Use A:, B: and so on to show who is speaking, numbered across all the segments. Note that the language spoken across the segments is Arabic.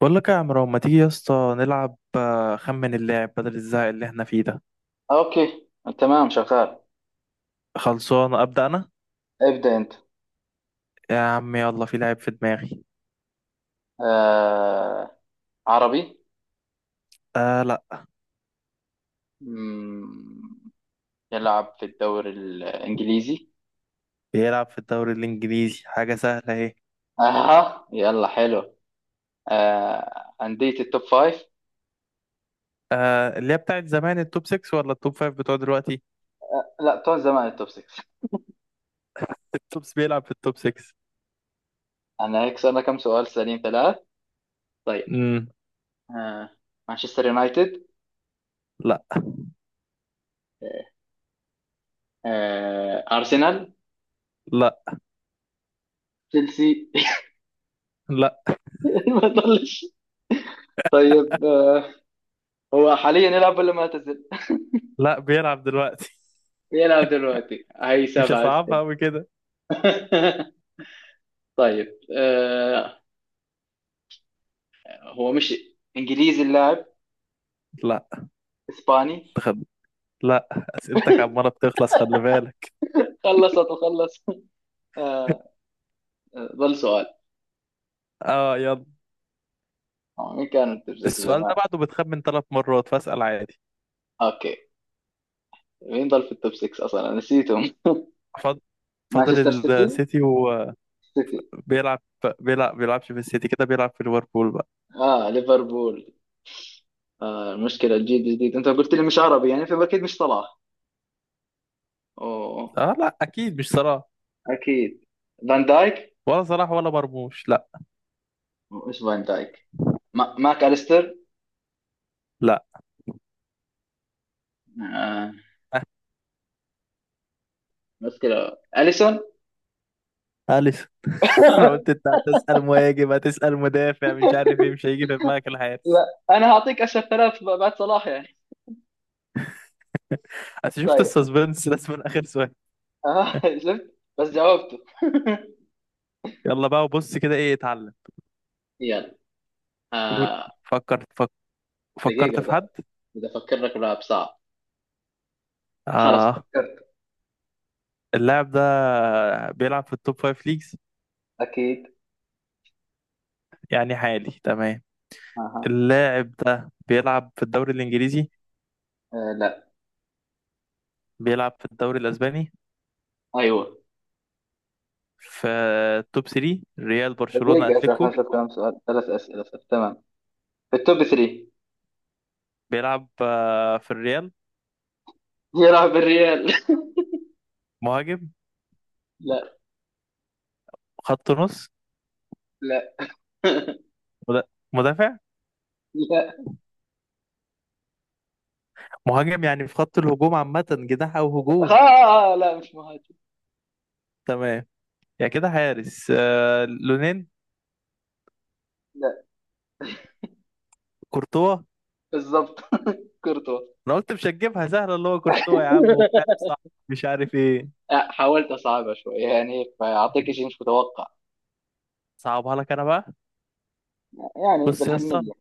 A: بقول لك يا عمرو، ما تيجي يا اسطى نلعب، خمن اللاعب بدل الزهق اللي احنا فيه ده.
B: اوكي. تمام شغال.
A: خلصان ابدا انا.
B: ابدأ انت.
A: يا عم يلا، في لاعب في دماغي.
B: آه، عربي.
A: آه لا.
B: مم، يلعب في الدوري الانجليزي.
A: بيلعب في الدوري الانجليزي، حاجه سهله اهي.
B: اها، يلا حلو. آه، اندية التوب فايف.
A: اللي هي بتاعت زمان التوب 6 ولا التوب 5 بتوع دلوقتي؟
B: لا، طول زمان التوب 6.
A: التوب بيلعب في التوب 6.
B: انا هيك صار لنا كم سؤال؟ سليم ثلاث. طيب
A: امم.
B: آه، مانشستر يونايتد.
A: لا،
B: آه، آه، ارسنال.
A: لا،
B: تشيلسي.
A: لا،
B: ما ضلش. طيب آه، هو حاليا يلعب ولا معتزل؟
A: لا. بيلعب دلوقتي.
B: يلعب دلوقتي. هاي
A: مش
B: سبعة
A: هصعبها
B: أسئلة.
A: قوي كده.
B: طيب آه، هو مش انجليزي اللاعب؟
A: لا.
B: اسباني؟
A: تخد... لا. اسئلتك عماله بتخلص، خلي بالك.
B: خلصت وخلص. آه آه، ظل سؤال.
A: اه يلا.
B: آه، مين كان التوب 6
A: السؤال
B: زمان؟
A: ده بعده بتخمن 3 مرات، فاسال عادي.
B: اوكي، مين ظل في التوب 6 اصلا، أنا نسيتهم.
A: فاضل.
B: مانشستر سيتي.
A: السيتي وبيلعب.
B: سيتي.
A: بيلعبش في السيتي كده، بيلعب في ليفربول بقى.
B: اه، ليفربول. آه المشكلة الجيل الجديد، انت قلت لي مش عربي يعني فاكيد مش صلاح. اوه.
A: اه لا، اكيد مش صلاح.
B: اكيد. فان دايك.
A: ولا صلاح ولا مرموش، لا.
B: ايش فان دايك. ماك اليستر.
A: لا.
B: آه، مشكلة اليسون.
A: اليسون. انا قلت انت هتسال مهاجم، هتسال مدافع، مش عارف ايه، مش هيجي في دماغك الحارس.
B: لا، انا هعطيك اشهر ثلاث بعد صلاح يعني.
A: انت شفت
B: طيب.
A: السسبنس لازم من اخر سؤال.
B: اه شفت بس جاوبته.
A: يلا بقى، وبص كده ايه اتعلم.
B: يلا. آه،
A: فكرت فك... فكرت
B: دقيقة
A: في حد.
B: بدأ أفكر لك بلعب صعب. خلاص
A: اه.
B: فكرت.
A: اللاعب ده بيلعب في التوب فايف ليجز.
B: أكيد.
A: يعني حالي تمام.
B: أها.
A: اللاعب ده بيلعب في الدوري الانجليزي.
B: آه لا.
A: بيلعب في الدوري الأسباني.
B: أيوه.
A: في التوب 3، ريال برشلونة
B: دقيقة أسأل
A: أتليكو.
B: خمسة، كم سؤال؟ ثلاث أسئلة صح، تمام. في التوب 3.
A: بيلعب في الريال.
B: يلعب بالريال.
A: مهاجم.
B: لا.
A: خط نص.
B: لا.
A: مد- مدافع.
B: لا.
A: مهاجم، يعني في خط الهجوم عامة، جناح أو هجوم.
B: آه لا، مش مهاجم.
A: تمام. يعني كده حارس، لونين.
B: لا.
A: كورتوا.
B: بالضبط. كورتوا.
A: أنا قلت مش هتجيبها سهلة، اللي هو كورتوا يا عم، وفعلا صح. مش عارف إيه.
B: آه، حاولت أصعبها شوي يعني فأعطيك شيء مش متوقع.
A: صعبها لك أنا بقى.
B: يعني
A: بص يا اسطى.
B: بالحنية.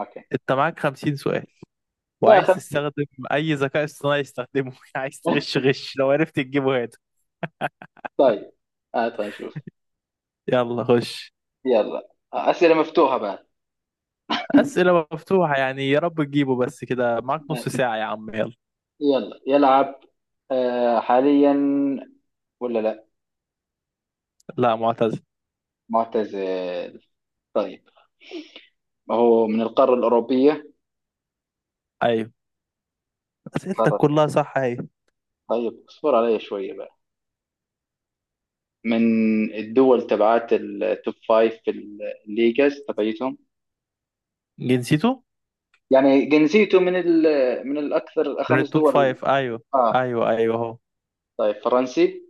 B: أوكي.
A: أنت معاك 50 سؤال.
B: لا
A: وعايز
B: خمسة.
A: تستخدم. أي ذكاء اصطناعي استخدمه. عايز تغش، غش. لو عرفت تجيبه هات.
B: طيب، هات آه نشوف.
A: يلا خش.
B: يلا أسئلة مفتوحة بقى.
A: أسئلة مفتوحة، يعني يا رب تجيبه، بس كده معاك نص ساعة يا عم، يلا.
B: يلا يلعب آه، حاليا ولا لا؟
A: لا، معتز.
B: معتزل. طيب، هو من القارة الأوروبية.
A: أيوه. أسئلتك
B: القارة.
A: كلها صح، أيوه.
B: طيب اصبر علي شوية بقى. من الدول تبعات التوب فايف، في الليجاز تبعيتهم.
A: جنسيته
B: يعني جنسيته من ال، من الأكثر
A: من
B: خمس
A: التوب
B: دول.
A: فايف، أيوه.
B: آه.
A: أيوه، أيوه، أهو.
B: طيب فرنسي.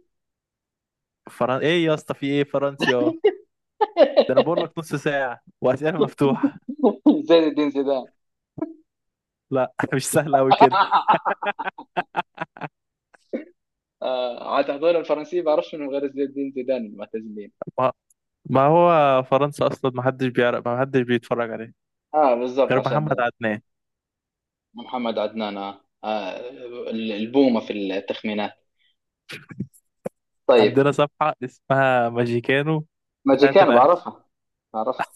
A: إيه يا اسطى، في إيه فرنسيا؟ ده أنا بقول لك نص ساعة وأسئلة مفتوحة.
B: زين الدين زيدان.
A: لا، مش سهلة أوي كده.
B: آه، عاد هذول الفرنسيين بعرفش انهم غير زين الدين زيدان المعتزلين.
A: ما... ما هو فرنسا أصلا محدش بيعرف، محدش بيتفرج عليه.
B: اه بالضبط
A: غير
B: عشان.
A: محمد عدنان.
B: محمد عدنان. آه. آه، البومة في التخمينات. طيب.
A: عندنا صفحة اسمها ماجيكانو. بتاعت
B: ماجيكان
A: الأهلي.
B: بعرفها. بعرفها.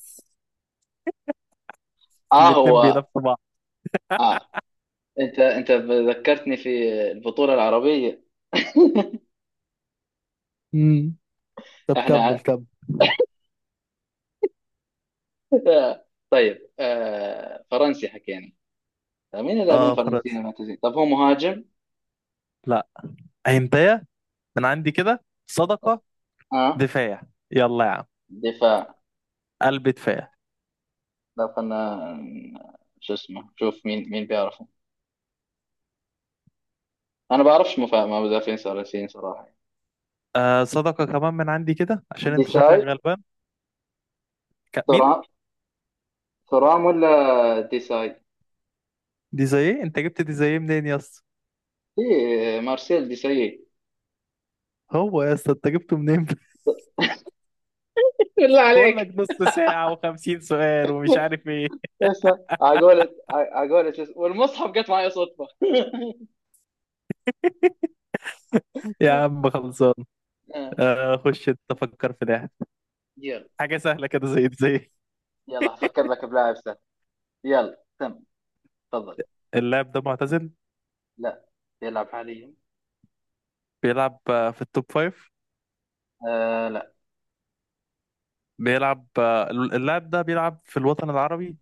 B: اه
A: الاتنين
B: هو.
A: بينافسوا بعض.
B: اه، انت ذكرتني في البطولة العربية.
A: امم. طب كمل
B: احنا.
A: كمل.
B: طيب آه، فرنسي حكينا. طيب، مين اللاعبين
A: اه
B: الفرنسيين
A: فرنسا.
B: المعتزين؟ طب هو مهاجم؟
A: لا. هنتايه. من عندي كده صدقة.
B: اه.
A: دفاع. يلا يا عم.
B: دفاع.
A: قلب دفاع.
B: لا خلنا. شو اسمه شوف مين بيعرفه. انا بعرفش مدافعين فرنسيين صراحة.
A: صدقة كمان من عندي كده، عشان انت شكلك
B: ديساي.
A: غلبان. مين؟
B: ترام. ترام ولا ديساي.
A: دي زي ايه، انت جبت دي زي ايه منين يا اسطى؟
B: ايه مارسيل دي سي،
A: هو يا اسطى، انت جبته منين؟
B: بالله
A: بقول لك
B: عليك.
A: نص ساعة و50 سؤال ومش عارف ايه.
B: اسمع عقولة. عقولة، شو اسمه، والمصحف جت معي صدفة.
A: يا عم خلصان.
B: آه،
A: خش انت فكر في ده.
B: يلا.
A: حاجة سهلة كده زي دي زي إيه؟
B: يلا هفكر لك بلاعب سهل. يلا تم، تفضل.
A: اللاعب ده معتزل.
B: لا. يلعب حاليا.
A: بيلعب في التوب فايف.
B: آه لا.
A: بيلعب آه، اللاعب ده بيلعب في الوطن العربي.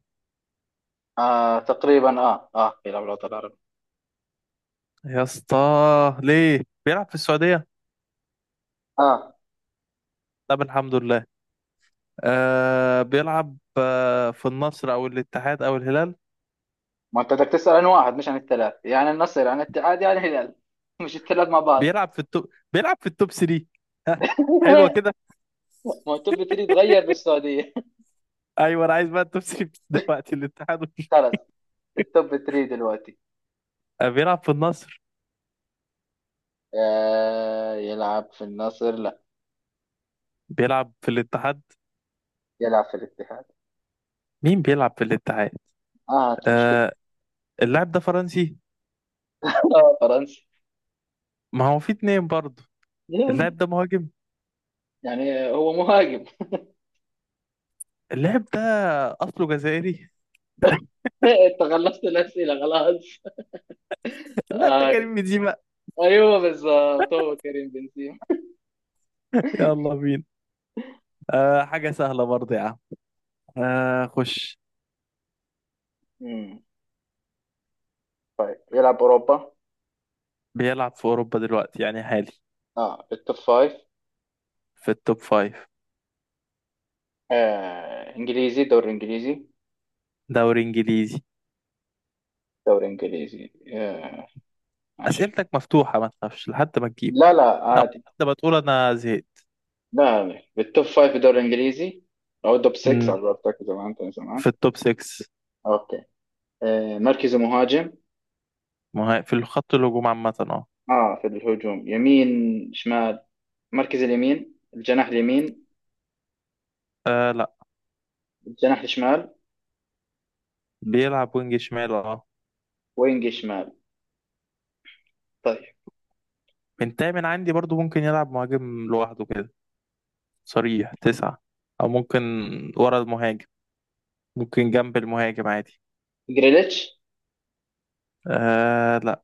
B: آه تقريبا، اه اه يلعب الوطن العربي.
A: يا اسطى. ليه بيلعب في السعودية.
B: اه.
A: طب الحمد لله. بيلعب في النصر او الاتحاد او الهلال.
B: ما انت بدك تسأل عن واحد مش عن الثلاث، يعني النصر عن الاتحاد يعني الهلال. مش الثلاث مع بعض.
A: بيلعب في التوب 3. ها. حلوة كده.
B: ما هو التوب 3 تغير بالسعودية.
A: ايوه انا عايز بقى التوب 3. دلوقتي الاتحاد
B: خلص. التوب 3 دلوقتي.
A: بيلعب في النصر.
B: آه، يلعب في النصر، لا.
A: بيلعب في الاتحاد.
B: يلعب في الاتحاد.
A: مين بيلعب في الاتحاد؟
B: اه مشكلة.
A: آه اللاعب ده فرنسي.
B: آه، فرنسي.
A: ما هو في 2 برضه.
B: يلا.
A: اللاعب ده مهاجم.
B: يعني هو مهاجم.
A: اللاعب ده اصله جزائري.
B: انت خلصت الأسئلة خلاص.
A: اللاعب ده
B: آه.
A: كريم بنزيما.
B: ايوه بالظبط، هو كريم بنزيما.
A: يلا بينا. حاجة سهلة برضه يا عم. خش.
B: مم. يلعب اوروبا.
A: بيلعب في اوروبا دلوقتي، يعني حالي.
B: اه التوب فايف.
A: في التوب فايف.
B: آه. انجليزي، دوري انجليزي.
A: دوري انجليزي.
B: دوري انجليزي. آه. ماشي.
A: اسئلتك مفتوحه، ما تخافش لحد ما تجيب.
B: لا لا
A: لو
B: عادي.
A: انت بتقول انا زهقت.
B: لا لا. بالتوب فايف في الدوري الانجليزي او التوب 6 على
A: امم.
B: قولتك زمان، كان
A: في
B: زمان.
A: التوب 6.
B: اوكي. آه. مركزه مهاجم.
A: ما هي- في الخط الهجوم عامه اه.
B: اه في الهجوم، يمين، شمال، مركز اليمين، الجناح اليمين.
A: آه لا.
B: الجناح الشمال.
A: بيلعب وينج شمال اه.
B: وينج شمال. طيب.
A: من تامن عندي برضو ممكن يلعب مهاجم لوحده كده. صريح 9. او ممكن. ورا المهاجم. ممكن جنب المهاجم عادي.
B: جريليتش.
A: آه لا.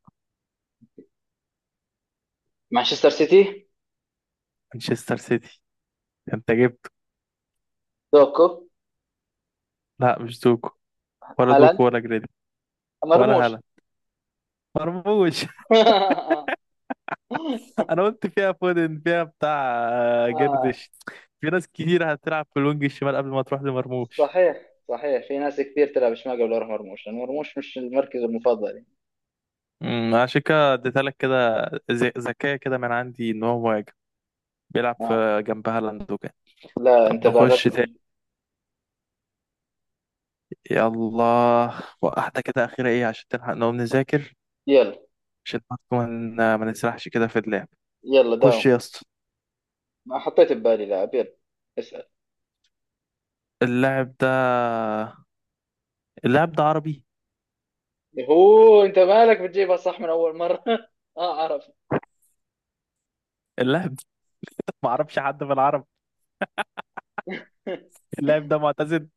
B: مانشستر سيتي.
A: مانشستر سيتي. انت جبته.
B: دوكو.
A: لا مش دوكو. ولا
B: هالاند.
A: دوكو ولا جريلي. ولا
B: مرموش.
A: هالاند. مرموش. انا قلت فيها فودن، فيها بتاع
B: آه.
A: جردش. في ناس كتير هتلعب في الوينج الشمال قبل ما تروح لمرموش.
B: صحيح، صحيح في ناس كثير تلعب شمال قبل يروح مرموش، لأن مرموش مش المركز المفضل يعني.
A: امم. عشان كده اديتها لك كده. ذكية كده من عندي ان هو مهاجم. بيلعب
B: اه.
A: في. جنب هالاند وكده.
B: لا انت
A: طب نخش تاني.
B: باغتني.
A: يلا. واحدة كده أخيرة إيه، عشان تلحق نقوم نذاكر.
B: يلا.
A: عشان برضه ما نسرحش كده في اللعب.
B: يلا
A: خش
B: داوم.
A: يا اسطى.
B: ما حطيت ببالي لاعب. يلا اسأل.
A: اللاعب ده. اللاعب ده عربي.
B: هو انت مالك بتجيبها صح من اول مرة؟ اه عرفت.
A: اللاعب ده معرفش حد في العرب. اللاعب ده معتزل.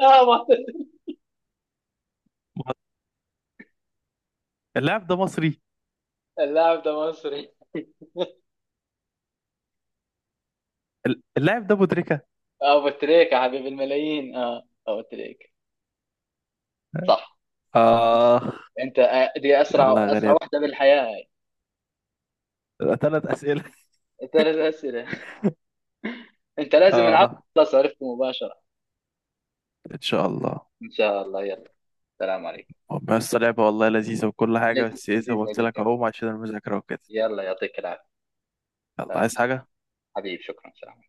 B: آه.
A: اللاعب ده مصري.
B: اللاعب ده مصري.
A: اللاعب ده مدركة.
B: ابو تريكة يا حبيب الملايين، اه ابو تريكة صح.
A: آه.
B: انت آه، دي
A: يلا
B: اسرع
A: يا
B: اسرع
A: غريب.
B: واحدة بالحياة هاي.
A: 3 أسئلة.
B: ثلاث اسئلة. انت لازم نعرف.
A: آه.
B: خلاص عرفت مباشرة.
A: إن شاء الله.
B: ان شاء الله. يلا السلام عليكم.
A: بس لعبة والله لذيذة وكل حاجة، بس إيه زي ما
B: لذيذة
A: قلت لك،
B: جدا.
A: أقوم عشان المذاكرة وكده.
B: يلا يعطيك العافية.
A: يلا،
B: سلام.
A: عايز حاجة؟
B: حبيبي شكرا، سلام.